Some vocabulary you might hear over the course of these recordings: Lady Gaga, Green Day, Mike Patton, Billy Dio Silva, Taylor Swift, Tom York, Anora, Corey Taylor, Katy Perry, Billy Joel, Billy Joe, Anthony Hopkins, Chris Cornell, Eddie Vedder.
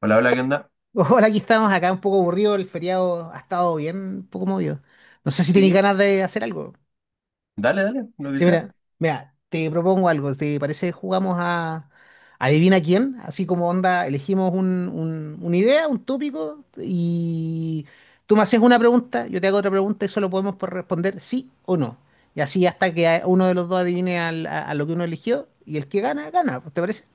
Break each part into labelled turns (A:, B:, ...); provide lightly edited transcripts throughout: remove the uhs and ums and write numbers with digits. A: Hola, hola, ¿qué onda?
B: Hola, aquí estamos acá un poco aburrido, el feriado ha estado bien, un poco movido. No sé si tenéis
A: Sí,
B: ganas de hacer algo.
A: dale, dale, lo que
B: Sí,
A: sea.
B: mira, mira, te propongo algo, ¿te parece? Jugamos a Adivina quién, así como onda, elegimos una idea, un tópico, y tú me haces una pregunta, yo te hago otra pregunta y solo podemos por responder sí o no. Y así hasta que uno de los dos adivine a lo que uno eligió, y el que gana, gana. ¿Te parece?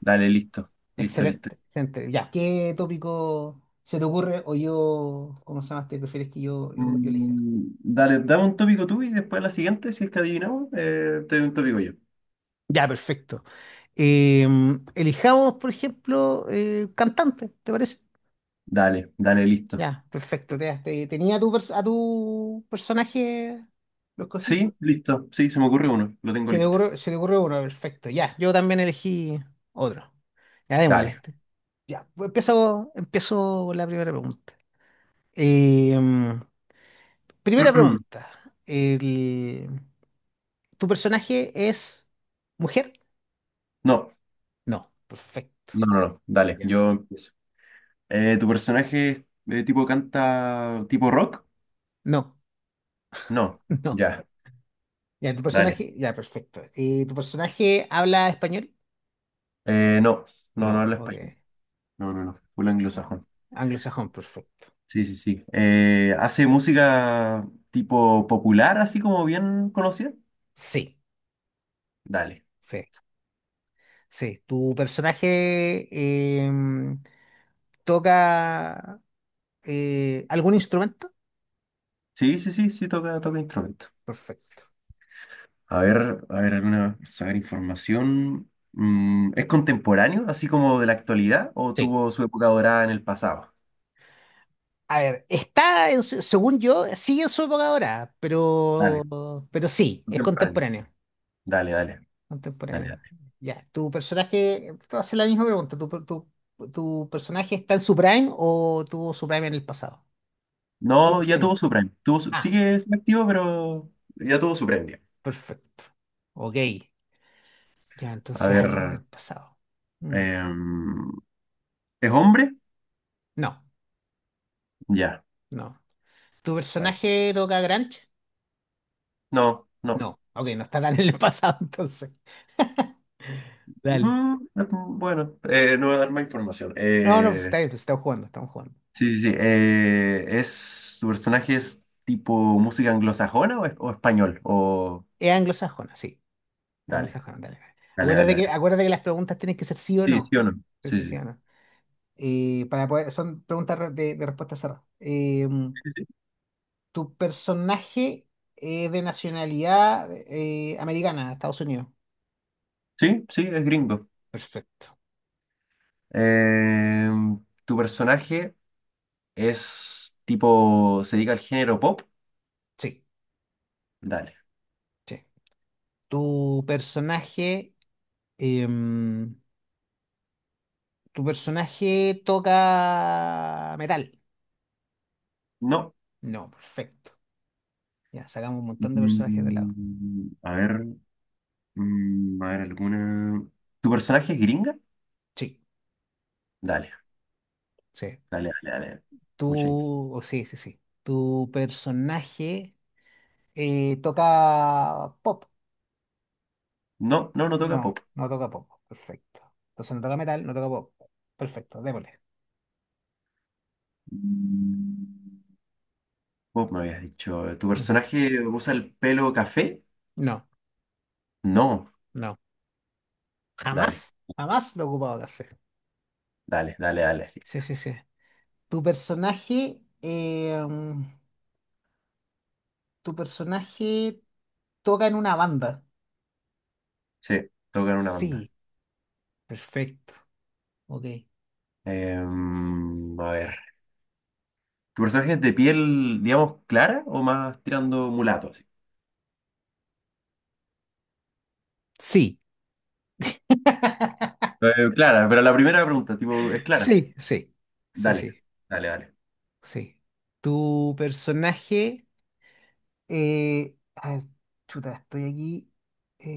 A: Dale, listo, listo, listo.
B: Excelente, excelente. Ya, ¿qué tópico se te ocurre o yo, cómo se llama, te prefieres que yo elija?
A: Dale, dame un tópico tú y después la siguiente, si es que adivinamos, te doy un tópico yo.
B: Ya, perfecto. Eh, elijamos, por ejemplo, cantante, ¿te parece?
A: Dale, dale, listo.
B: Ya, perfecto. Tenía a tu personaje, ¿lo escogiste?
A: Sí, listo, sí, se me ocurre uno, lo tengo
B: Se te
A: listo.
B: ocurrió, se te ocurrió uno, perfecto. Ya, yo también elegí otro. Ya, démosle
A: Dale.
B: este. Ya, pues empiezo con la primera pregunta. Eh, primera pregunta. ¿Tu personaje es mujer?
A: No,
B: No, perfecto.
A: no, no, no, dale,
B: Ya.
A: yo empiezo. ¿Tu personaje es, tipo canta tipo rock?
B: No,
A: No,
B: no.
A: ya,
B: Ya, tu
A: dale.
B: personaje, ya, perfecto. ¿Y tu personaje habla español?
A: No,
B: No,
A: no habla
B: ok.
A: español. No, no, no, full anglosajón.
B: Anglosajón, perfecto.
A: Sí, sí, sí. ¿Hace música tipo popular, así como bien conocida?
B: Sí,
A: Dale.
B: sí, sí. ¿Tu personaje em, toca algún instrumento?
A: Sí, sí, sí, sí, toca instrumento.
B: Perfecto.
A: A ver, alguna, sacar información. ¿Es contemporáneo, así como de la actualidad, o
B: Sí.
A: tuvo su época dorada en el pasado?
B: A ver, está, según yo, sigue en su época ahora,
A: Dale,
B: pero sí, es
A: contemporáneo.
B: contemporáneo.
A: Dale, dale, dale,
B: Contemporáneo.
A: dale.
B: Ya, ¿tu personaje, te voy a hacer la misma pregunta, ¿tu personaje está en su prime o tuvo su prime en el pasado? Sí,
A: No,
B: sí
A: ya
B: o no.
A: tuvo su premio.
B: Ah,
A: Sigue activo, pero ya tuvo su premio.
B: perfecto. Ok. Ya,
A: A
B: entonces alguien
A: ver,
B: del pasado. Mm,
A: em, ¿es hombre?
B: No,
A: Ya,
B: no. ¿Tu
A: vale.
B: personaje toca Grunge?
A: No, no.
B: No. Ok, no está tan en el pasado entonces. Dale.
A: Mm, Bueno, no voy a dar más información.
B: No, no, pues está bien, pues estamos jugando, estamos jugando.
A: Sí, sí, sí. ¿Tu personaje es tipo música anglosajona o, o español? O
B: Es anglosajona, sí.
A: dale,
B: Anglosajona, dale, dale.
A: dale, dale,
B: Acuérdate que,
A: dale.
B: acuérdate que las preguntas tienen que ser sí o
A: Sí, sí
B: no.
A: o no.
B: Sí,
A: Sí,
B: sí,
A: sí.
B: sí o no. Para poder, son preguntas de respuesta cerrada. ¿Tu personaje es de nacionalidad americana, Estados Unidos?
A: Sí, sí, es gringo.
B: Perfecto.
A: Eh, ¿Tu personaje es tipo, se dedica al género pop?
B: Sí,
A: Dale.
B: sí. ¿Tu personaje, em, tu personaje toca metal?
A: No.
B: No, perfecto. Ya, sacamos un montón de personajes de lado.
A: A ver, a ver alguna. ¿Tu personaje es gringa?
B: Sí,
A: Dale,
B: sí.
A: dale, dale, dale. Mucha info.
B: Tú oh, sí, sí, sí. ¿Tu personaje toca pop?
A: No, no, no
B: No,
A: toca pop.
B: no toca pop. Perfecto. Entonces no toca metal, no toca pop. Perfecto, démosle.
A: Mm, Pop me habías dicho. ¿Tu
B: Ujú.
A: personaje usa el pelo café?
B: No,
A: No.
B: no.
A: Dale,
B: Jamás. Jamás lo he ocupado café.
A: dale, dale, dale.
B: Sí, sí, sí. Tu personaje, em, tu personaje toca en una banda.
A: Sí, toca en una banda.
B: Sí, perfecto. Ok.
A: A ver. ¿Tu personaje es de piel, digamos, clara o más tirando mulato así?
B: Sí,
A: Clara, pero la primera pregunta, tipo, ¿es clara?
B: sí, sí, sí,
A: Dale,
B: sí,
A: dale, dale.
B: sí. Tu personaje. A ver, chuta, estoy aquí.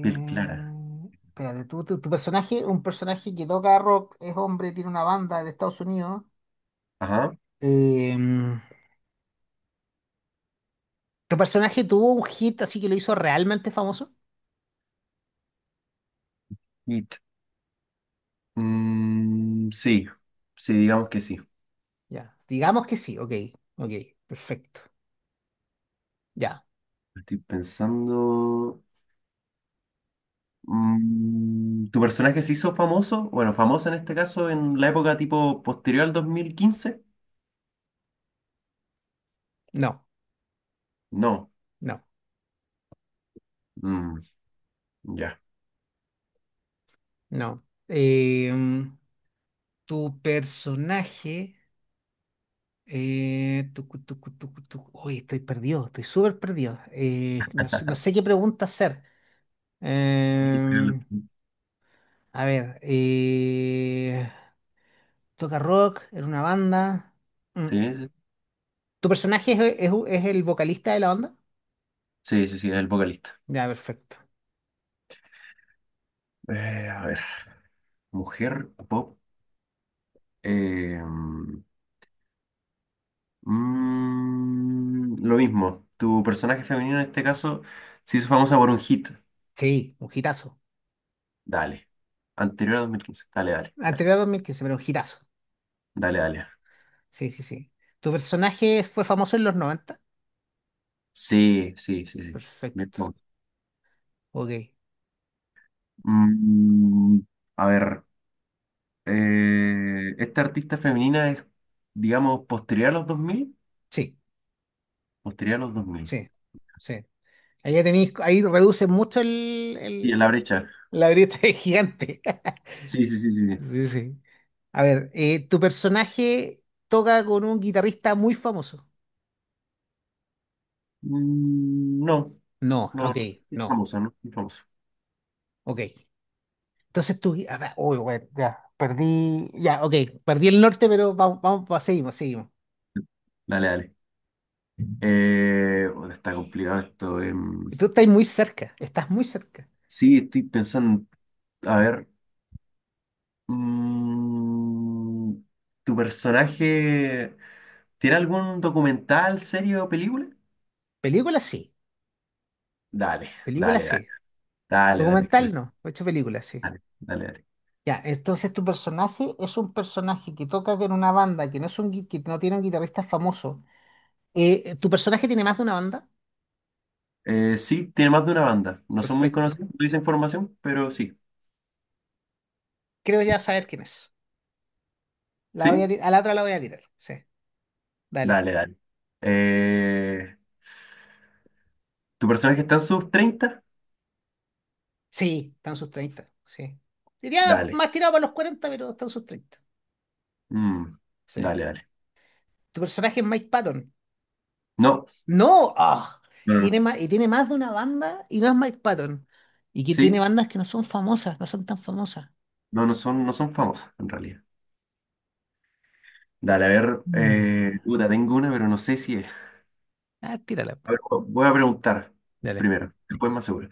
A: Piel clara.
B: Espérate, ¿tu personaje, un personaje que toca rock, es hombre, tiene una banda de Estados Unidos.
A: Ajá.
B: Em, ¿Tu personaje tuvo un hit así que lo hizo realmente famoso?
A: It. Sí, sí, digamos que sí.
B: Ya, digamos que sí, ok, ok, perfecto. Ya,
A: Estoy pensando. ¿Tu personaje se hizo famoso? Bueno, famoso en este caso en la época tipo posterior al 2015.
B: no,
A: No.
B: no,
A: Mm, ya.
B: no. Tu personaje. Tucu, tucu, tucu, tucu. Uy, estoy perdido, estoy súper perdido. No sé, no sé qué pregunta hacer.
A: Sí, sí,
B: Em, a ver, toca rock, era una banda. Mm.
A: sí,
B: ¿Tu personaje es el vocalista de la banda?
A: sí, sí, sí, es el vocalista.
B: Ya, perfecto.
A: A ver, mujer pop. eh, lo mismo, tu personaje femenino en este caso se hizo famosa por un hit.
B: Sí, un hitazo.
A: Dale. Anterior a 2015. Dale, dale, dale.
B: Anterior a 2015, pero un hitazo.
A: Dale, dale.
B: Sí, sí, sí. ¿Tu personaje fue famoso en los 90.
A: Sí, sí, sí, sí. Bien,
B: Perfecto.
A: vamos.
B: Ok.
A: Mm, a ver. Esta artista femenina es, digamos, posterior a los dos mil.
B: Sí,
A: Posterior a los dos mil.
B: sí, sí. Ahí, ya tenéis, ahí reduce mucho
A: Sí, en la brecha.
B: la brecha de gigante.
A: Sí, sí, sí, sí. sí.
B: Sí, sí. A ver, ¿tu personaje toca con un guitarrista muy famoso?
A: No,
B: No,
A: no.
B: ok,
A: no Es
B: no,
A: famosa, ¿no? Es famosa.
B: ok. Entonces tú, a ver, uy, bueno, ya, perdí, ya, ok, perdí el norte, pero vamos, vamos, va, seguimos, seguimos.
A: Dale, dale. Bueno, está complicado esto.
B: Y tú estás muy cerca, estás muy cerca.
A: Sí, estoy pensando. A ver. mm, ¿Tu personaje tiene algún documental, serie o película?
B: Película sí,
A: Dale,
B: película
A: dale, dale.
B: sí.
A: Dale, dale, creo
B: Documental
A: que-
B: no, ocho películas sí.
A: Dale, dale, dale.
B: Ya, entonces tu personaje es un personaje que toca con una banda, que no es que no tiene un guitarrista famoso. ¿Tu personaje tiene más de una banda?
A: Sí, tiene más de una banda. No son muy
B: Perfecto.
A: conocidos, no dicen formación, pero sí.
B: Creo ya saber quién es. La voy
A: ¿Sí?
B: a la otra la voy a tirar. Sí, dale.
A: Dale, dale. Eh, ¿Tu personaje está en sus 30?
B: Sí, están sus treinta. Sí. Diría
A: Dale.
B: más tirado para los cuarenta, pero están sus treinta.
A: Mm,
B: Sí.
A: dale, dale.
B: ¿Tu personaje es Mike Patton?
A: No,
B: No. ¡Ah!
A: no, no. no.
B: Tiene más de una banda y no es Mike Patton. Y que tiene
A: Sí,
B: bandas que no son famosas, no son tan famosas.
A: no, no son, no son famosas en realidad. Dale, a ver,
B: Mm.
A: puta, tengo una, pero no sé si es.
B: Ah, tírala. Po.
A: A ver, voy a preguntar
B: Dale.
A: primero, después más seguro.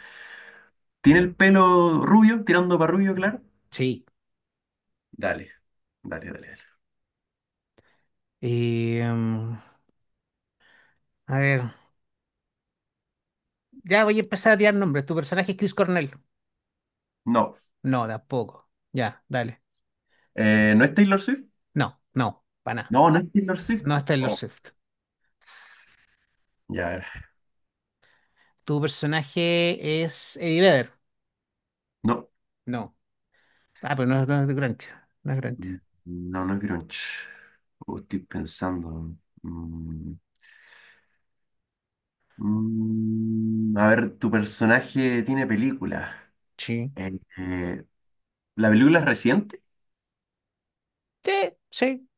A: ¿Tiene el pelo rubio, tirando para rubio, claro?
B: Sí.
A: Dale, dale, dale, dale.
B: Y, a ver, ya voy a empezar a tirar nombres. ¿Tu personaje es Chris Cornell?
A: No,
B: No, tampoco. Ya, dale.
A: ¿No es Taylor Swift?
B: No, no, para nada.
A: No, no es Taylor
B: No
A: Swift.
B: es Taylor
A: Oh,
B: Swift.
A: ya, a ver.
B: ¿Tu personaje es Eddie Vedder?
A: No,
B: No. Ah, pero no, es no es de Grancho. No es Grancho.
A: mm, no, no es grunge. Oh, estoy pensando. Mm, a ver, ¿tu personaje tiene película?
B: Sí.
A: Eh, eh, ¿La película es reciente?
B: Sí, sí.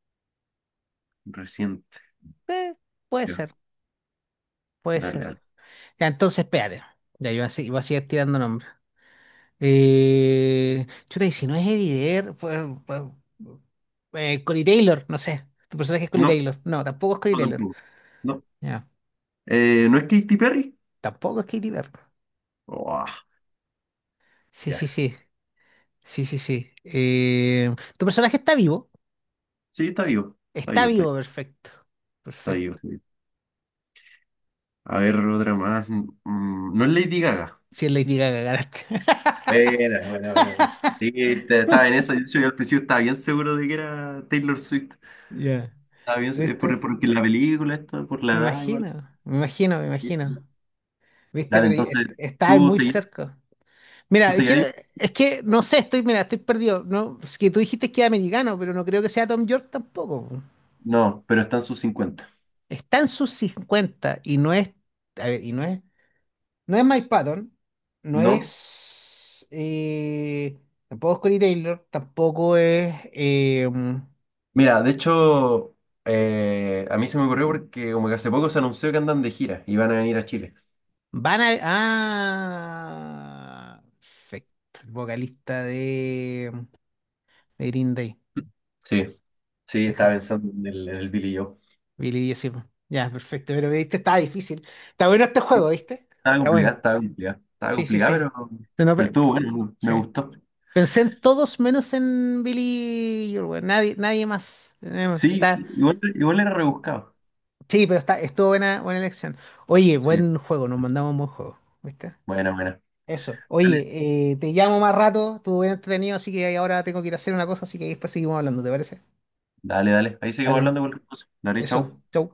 A: Reciente.
B: eh, puede
A: Ya,
B: ser, puede
A: Dale,
B: ser.
A: dale.
B: Ya, entonces, espérate. Ya, yo así, iba a seguir tirando nombres. Chuta, y si no es Eddie Vedder, Corey Taylor, no sé. ¿Tu personaje es Corey
A: No,
B: Taylor? No, tampoco es Corey
A: no
B: Taylor.
A: tampoco. No.
B: Ya.
A: ¿No es Katy Perry?
B: Tampoco es Katie Vedder.
A: Oh, ah,
B: Sí, sí,
A: ya.
B: sí. Sí, sí, sí. ¿Tu personaje está vivo?
A: Sí, está vivo. Está
B: Está
A: vivo, está
B: vivo,
A: vivo,
B: perfecto.
A: está vivo, está vivo. A ver, otra más. No es Lady Gaga.
B: Si es Lady Gaga, ganaste.
A: Buena, buena, buena. Sí, estaba en eso. De hecho, yo al principio estaba bien seguro de que era Taylor Swift.
B: Ya.
A: Estaba bien, por,
B: ¿Viste?
A: porque la película, esto, por la
B: Me
A: edad, igual.
B: imagino, me imagino, me
A: Sí, sí. sí.
B: imagino. ¿Viste?
A: Dale,
B: Pero
A: entonces,
B: está
A: ¿tú
B: muy
A: seguías?
B: cerca.
A: ¿Tú
B: Mira,
A: seguías?
B: es que no sé, estoy, mira, estoy perdido. No, es que tú dijiste que era americano, pero no creo que sea Tom York tampoco. Po.
A: No, pero están sus 50.
B: Está en sus 50 y no es, a ver, y no es, no es Mike Patton, no
A: No.
B: es, tampoco es Corey Taylor, tampoco es,
A: Mira, de hecho, a mí se me ocurrió porque como que hace poco se anunció que andan de gira y van a venir a Chile.
B: Van a... Ah, perfecto. El vocalista de Green Day.
A: Sí. Sí, estaba
B: Deja,
A: pensando en el Billy Joe.
B: Billy Dio Silva. Ya, perfecto. Pero viste, está difícil. Está bueno este
A: Sí,
B: juego, ¿viste? Está bueno.
A: estaba complicada. Estaba
B: Sí, sí,
A: complicada,
B: sí. No, no,
A: pero estuvo bueno, me
B: sí.
A: gustó.
B: Pensé en todos menos en Billy Joel, weón. Nadie, nadie más. Nadie más.
A: Sí,
B: Está...
A: igual, igual era rebuscado.
B: Sí, pero estuvo buena, buena elección. Oye,
A: Sí.
B: buen juego, nos mandamos un buen juego. ¿Viste?
A: Bueno, bueno.
B: Eso.
A: Dale,
B: Oye, te llamo más rato, estuvo bien entretenido, así que ahora tengo que ir a hacer una cosa, así que después seguimos hablando, ¿te parece?
A: dale, dale. Ahí seguimos
B: Dale.
A: hablando cualquier cosa. Dale,
B: Eso.
A: chau.
B: Chau.